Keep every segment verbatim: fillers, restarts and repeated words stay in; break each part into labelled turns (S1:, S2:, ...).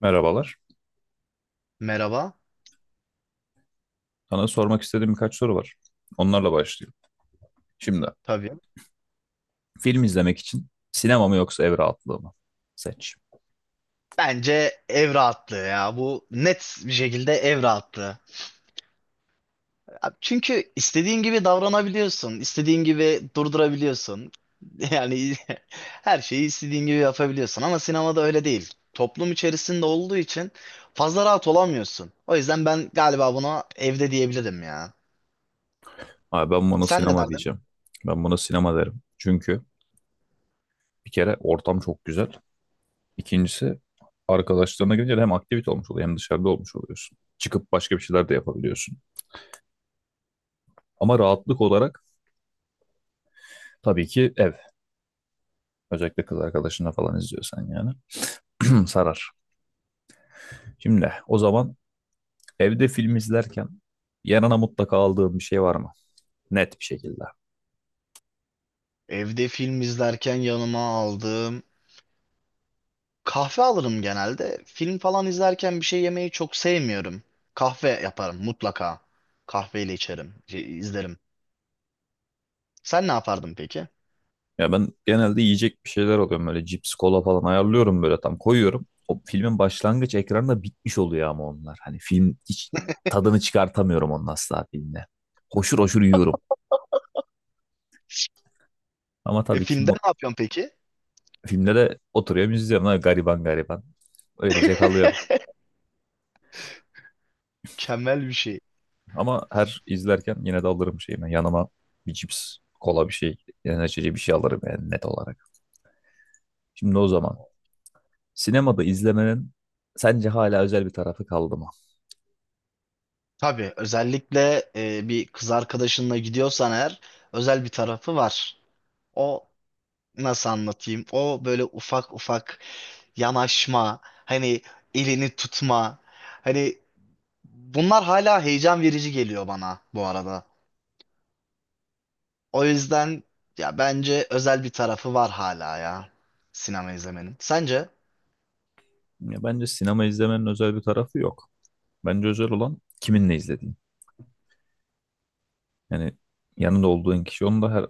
S1: Merhabalar.
S2: Merhaba.
S1: Sana sormak istediğim birkaç soru var. Onlarla başlayayım. Şimdi
S2: Tabii.
S1: film izlemek için sinema mı yoksa ev rahatlığı mı? Seç.
S2: Bence ev rahatlığı ya. Bu net bir şekilde ev rahatlığı. Çünkü istediğin gibi davranabiliyorsun. İstediğin gibi durdurabiliyorsun. Yani her şeyi istediğin gibi yapabiliyorsun. Ama sinemada öyle değil. Toplum içerisinde olduğu için fazla rahat olamıyorsun. O yüzden ben galiba buna evde diyebilirim ya.
S1: Abi ben buna
S2: Sen ne
S1: sinema
S2: derdin?
S1: diyeceğim. Ben buna sinema derim. Çünkü bir kere ortam çok güzel. İkincisi arkadaşlarına gelince de hem aktivite olmuş oluyor hem dışarıda olmuş oluyorsun. Çıkıp başka bir şeyler de yapabiliyorsun. Ama rahatlık olarak tabii ki ev. Özellikle kız arkadaşınla falan izliyorsan yani. Sarar. Şimdi o zaman evde film izlerken yanına mutlaka aldığım bir şey var mı? Net bir şekilde.
S2: Evde film izlerken yanıma aldığım kahve alırım genelde. Film falan izlerken bir şey yemeyi çok sevmiyorum. Kahve yaparım mutlaka. Kahveyle içerim, şey, izlerim. Sen ne yapardın peki?
S1: Ya ben genelde yiyecek bir şeyler alıyorum, böyle cips, kola falan ayarlıyorum, böyle tam koyuyorum. O filmin başlangıç ekranında bitmiş oluyor ama onlar. Hani film hiç tadını çıkartamıyorum onun, asla filmde. Hoşur hoşur yiyorum. Ama
S2: E,
S1: tabii ki
S2: filmde
S1: mu-
S2: ne yapıyorsun peki?
S1: filmde de oturuyorum, izliyorum. Ha, gariban gariban. Öylece kalıyorum.
S2: Mükemmel bir şey.
S1: Ama her izlerken yine de alırım şeyimi. Yanıma bir cips, kola bir şey, enerjici bir şey alırım yani net olarak. Şimdi o zaman. Sinemada izlemenin sence hala özel bir tarafı kaldı mı?
S2: Tabii özellikle e, bir kız arkadaşınla gidiyorsan eğer özel bir tarafı var. O nasıl anlatayım? O böyle ufak ufak yanaşma, hani elini tutma. Hani bunlar hala heyecan verici geliyor bana bu arada. O yüzden ya bence özel bir tarafı var hala ya sinema izlemenin. Sence?
S1: Ya bence sinema izlemenin özel bir tarafı yok. Bence özel olan kiminle izlediğin. Yani yanında olduğun kişi. Onun da her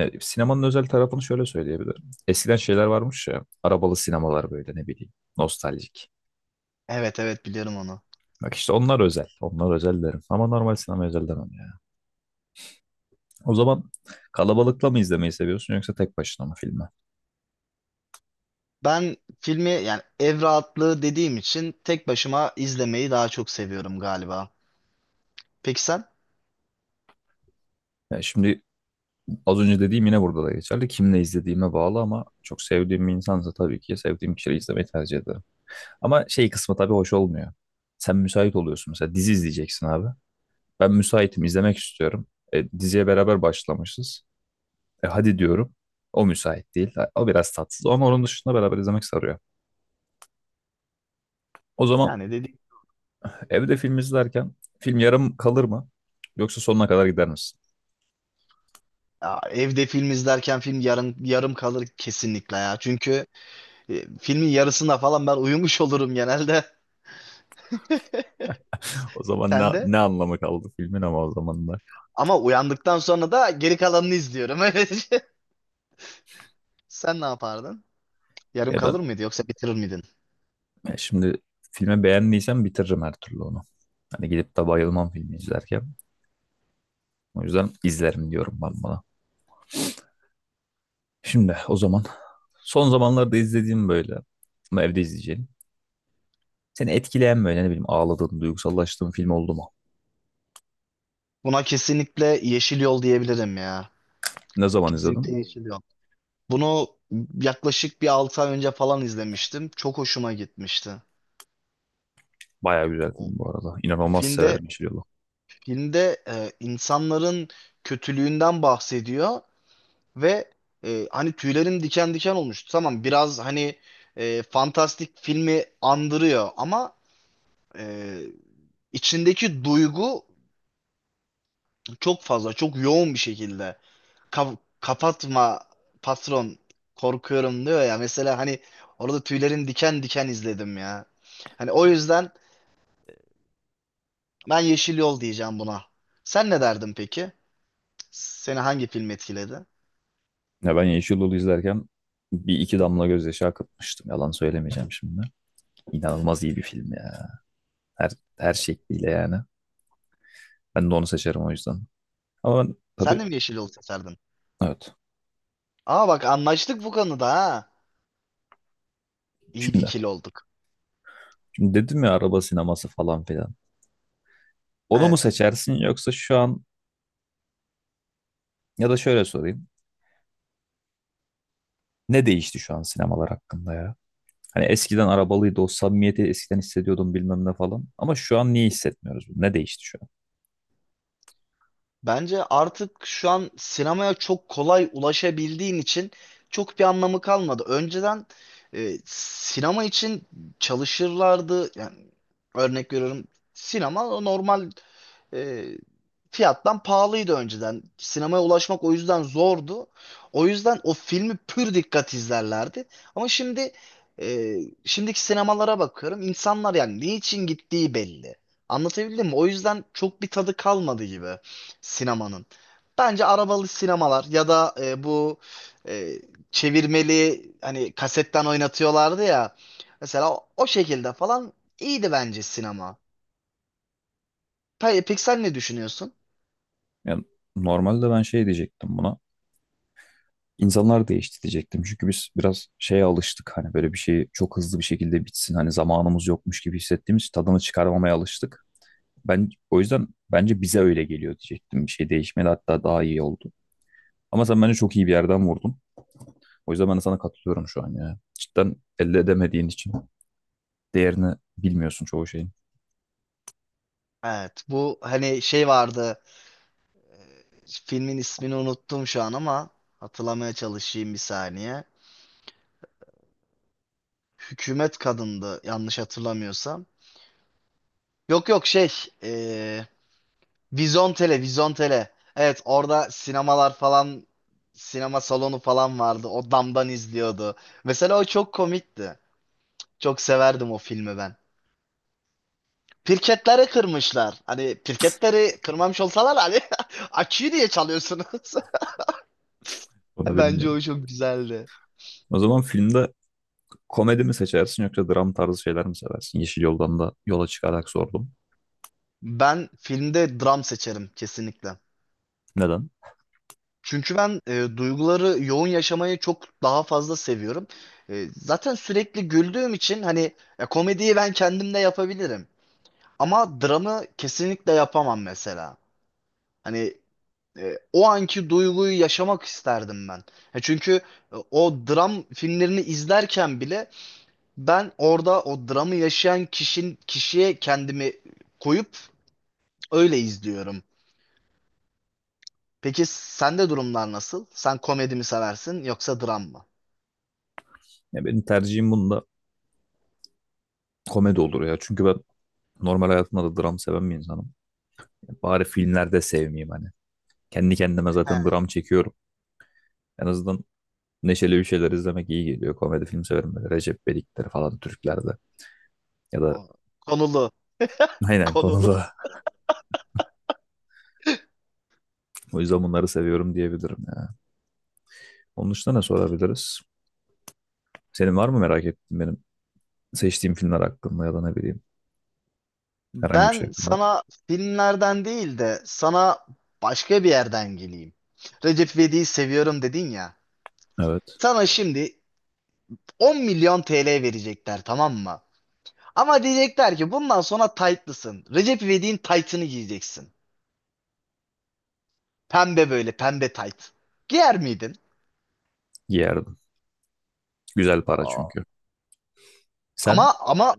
S1: e, sinemanın özel tarafını şöyle söyleyebilirim. Eskiden şeyler varmış ya, arabalı sinemalar, böyle ne bileyim, nostaljik.
S2: Evet evet biliyorum onu.
S1: Bak işte onlar özel. Onlar özel derim. Ama normal sinema özel demem ya. O zaman kalabalıkla mı izlemeyi seviyorsun yoksa tek başına mı filmi?
S2: Ben filmi yani ev rahatlığı dediğim için tek başıma izlemeyi daha çok seviyorum galiba. Peki sen?
S1: Ya şimdi az önce dediğim yine burada da geçerli. Kimle izlediğime bağlı ama çok sevdiğim bir insansa tabii ki sevdiğim kişiyle izlemeyi tercih ederim. Ama şey kısmı tabii hoş olmuyor. Sen müsait oluyorsun mesela, dizi izleyeceksin abi. Ben müsaitim, izlemek istiyorum. E, diziye beraber başlamışız. E, hadi diyorum. O müsait değil. O biraz tatsız ama onun dışında beraber izlemek sarıyor. O zaman
S2: Yani dedi
S1: evde film izlerken film yarım kalır mı? Yoksa sonuna kadar gider misin?
S2: ya evde film izlerken film yarım yarım kalır kesinlikle ya. Çünkü e, filmin yarısında falan ben uyumuş olurum genelde.
S1: O zaman ne,
S2: Sen de?
S1: ne anlamı kaldı filmin ama o zaman da.
S2: Ama uyandıktan sonra da geri kalanını izliyorum. Öyle. Sen ne yapardın? Yarım
S1: Ya ben
S2: kalır mıydı yoksa bitirir miydin?
S1: Ya şimdi filme beğendiysem bitiririm her türlü onu. Hani gidip de bayılmam filmi izlerken. O yüzden izlerim diyorum ben bana. Şimdi o zaman son zamanlarda izlediğim böyle, ama evde izleyeceğim. Seni etkileyen böyle, ne bileyim, ağladığın, duygusallaştığın film oldu mu?
S2: Buna kesinlikle Yeşil Yol diyebilirim ya.
S1: Ne zaman
S2: Kesinlikle
S1: izledin?
S2: Yeşil Yol. Bunu yaklaşık bir altı ay önce falan izlemiştim. Çok hoşuma gitmişti.
S1: Baya güzel
S2: O
S1: film bu arada. İnanılmaz severim
S2: filmde
S1: Yeşil Yol'u.
S2: filmde e, insanların kötülüğünden bahsediyor ve e, hani tüylerim diken diken olmuştu. Tamam biraz hani e, fantastik filmi andırıyor ama e, içindeki duygu çok fazla, çok yoğun bir şekilde. Ka- kapatma patron korkuyorum diyor ya mesela, hani orada tüylerin diken diken izledim ya. Hani o yüzden ben Yeşil Yol diyeceğim buna. Sen ne derdin peki? Seni hangi film etkiledi?
S1: Ya ben Yeşil Yol'u izlerken bir iki damla gözyaşı akıtmıştım. Yalan söylemeyeceğim şimdi. İnanılmaz iyi bir film ya. Her, her şekliyle yani. Ben de onu seçerim o yüzden. Ama ben
S2: Sen
S1: tabii
S2: de mi Yeşil Yol seçerdin?
S1: evet.
S2: Aa bak, anlaştık bu konuda ha. İyi bir
S1: Şimdi
S2: ikili olduk.
S1: Şimdi dedim ya, araba sineması falan filan. Onu mu
S2: Evet.
S1: seçersin yoksa şu an, ya da şöyle sorayım. Ne değişti şu an sinemalar hakkında ya? Hani eskiden arabalıydı, o samimiyeti eskiden hissediyordum, bilmem ne falan. Ama şu an niye hissetmiyoruz bunu? Ne değişti şu an?
S2: Bence artık şu an sinemaya çok kolay ulaşabildiğin için çok bir anlamı kalmadı. Önceden e, sinema için çalışırlardı. Yani örnek veriyorum, sinema normal e, fiyattan pahalıydı önceden. Sinemaya ulaşmak o yüzden zordu. O yüzden o filmi pür dikkat izlerlerdi. Ama şimdi, e, şimdiki sinemalara bakıyorum. İnsanlar yani niçin gittiği belli. Anlatabildim mi? O yüzden çok bir tadı kalmadı gibi sinemanın. Bence arabalı sinemalar ya da e, bu e, çevirmeli hani kasetten oynatıyorlardı ya. Mesela o, o şekilde falan iyiydi bence sinema. Pe- Peki sen ne düşünüyorsun?
S1: Yani normalde ben şey diyecektim buna. İnsanlar değişti diyecektim. Çünkü biz biraz şeye alıştık. Hani böyle bir şey çok hızlı bir şekilde bitsin. Hani zamanımız yokmuş gibi hissettiğimiz, tadını çıkarmamaya alıştık. Ben o yüzden bence bize öyle geliyor diyecektim. Bir şey değişmedi, hatta daha iyi oldu. Ama sen bence çok iyi bir yerden vurdun. O yüzden ben de sana katılıyorum şu an ya. Cidden elde edemediğin için değerini bilmiyorsun çoğu şeyin.
S2: Evet bu hani şey vardı, filmin ismini unuttum şu an ama hatırlamaya çalışayım bir saniye. Hükümet Kadındı yanlış hatırlamıyorsam. Yok yok, şey, eee Vizontele Vizontele. Evet orada sinemalar falan, sinema salonu falan vardı, o damdan izliyordu. Mesela o çok komikti. Çok severdim o filmi ben. Pirketleri kırmışlar. Hani pirketleri kırmamış olsalar hani açıyı diye çalıyorsunuz.
S1: Onu
S2: Bence
S1: bilmiyorum.
S2: o çok güzeldi.
S1: O zaman filmde komedi mi seçersin yoksa dram tarzı şeyler mi seversin? Yeşil Yoldan da yola çıkarak sordum.
S2: Ben filmde dram seçerim kesinlikle.
S1: Neden?
S2: Çünkü ben e, duyguları yoğun yaşamayı çok daha fazla seviyorum. E, zaten sürekli güldüğüm için hani e, komediyi ben kendim de yapabilirim. Ama dramı kesinlikle yapamam mesela. Hani e, o anki duyguyu yaşamak isterdim ben. E, çünkü e, o dram filmlerini izlerken bile ben orada o dramı yaşayan kişinin kişiye kendimi koyup öyle izliyorum. Peki sende durumlar nasıl? Sen komedi mi seversin yoksa dram mı?
S1: Ya benim tercihim bunda komedi olur ya. Çünkü ben normal hayatımda da dram seven bir insanım. Ya bari filmlerde sevmeyeyim hani. Kendi kendime zaten
S2: He,
S1: dram çekiyorum. En azından neşeli bir şeyler izlemek iyi geliyor. Komedi film severim, böyle Recep İvedik'leri falan, Türklerde. Ya da
S2: o- konulu,
S1: aynen
S2: konulu.
S1: konuda. O yüzden bunları seviyorum diyebilirim ya. Onun dışında ne sorabiliriz? Senin var mı merak ettiğin benim seçtiğim filmler hakkında, ya da ne bileyim, herhangi bir şey
S2: Ben
S1: hakkında?
S2: sana filmlerden değil de sana başka bir yerden geleyim. Recep İvedik'i seviyorum dedin ya.
S1: Evet.
S2: Sana şimdi on milyon T L verecekler, tamam mı? Ama diyecekler ki bundan sonra taytlısın. Recep İvedik'in taytını giyeceksin. Pembe, böyle pembe tayt. Giyer miydin?
S1: Giyerdim. Güzel para
S2: Aa.
S1: çünkü. Sen
S2: Ama ama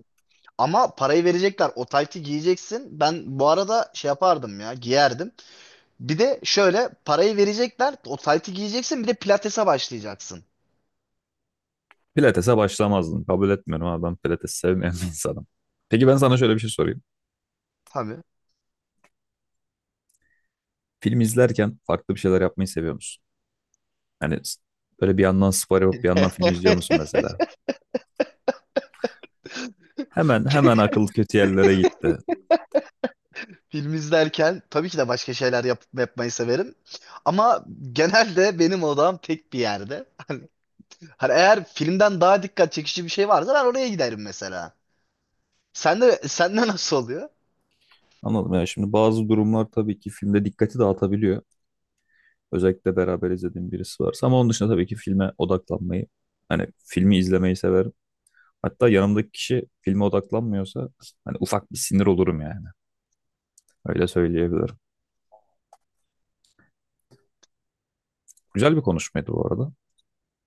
S2: ama parayı verecekler. O taytı giyeceksin. Ben bu arada şey yapardım ya, giyerdim. Bir de şöyle, parayı verecekler. O taytı giyeceksin, bir de pilatese başlayacaksın.
S1: pilatese başlamazdın. Kabul etmiyorum ama, ben pilates sevmeyen bir insanım. Peki ben sana şöyle bir şey sorayım.
S2: Tabii.
S1: Film izlerken farklı bir şeyler yapmayı seviyor musun? Yani s- böyle bir yandan spor yapıp bir yandan film izliyor musun mesela? Hemen hemen akıl kötü yerlere gitti.
S2: Film izlerken tabii ki de başka şeyler yap yapmayı severim. Ama genelde benim odam tek bir yerde. Hani eğer filmden daha dikkat çekici bir şey varsa ben oraya giderim mesela. Sen de, sende nasıl oluyor?
S1: Anladım ya, şimdi bazı durumlar tabii ki filmde dikkati dağıtabiliyor. Özellikle beraber izlediğim birisi varsa, ama onun dışında tabii ki filme odaklanmayı, hani filmi izlemeyi severim. Hatta yanımdaki kişi filme odaklanmıyorsa hani ufak bir sinir olurum yani. Öyle söyleyebilirim. Güzel bir konuşmaydı bu arada.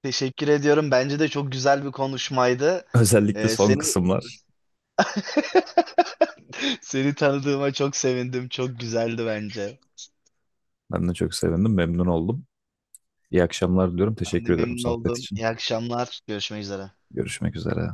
S2: Teşekkür ediyorum. Bence de çok güzel bir konuşmaydı.
S1: Özellikle
S2: Ee,
S1: son
S2: senin
S1: kısımlar.
S2: seni tanıdığıma çok sevindim. Çok güzeldi bence.
S1: Ben de çok sevindim, memnun oldum. İyi akşamlar diliyorum.
S2: Ben de
S1: Teşekkür ediyorum
S2: memnun
S1: sohbet
S2: oldum.
S1: için.
S2: İyi akşamlar. Görüşmek üzere.
S1: Görüşmek üzere.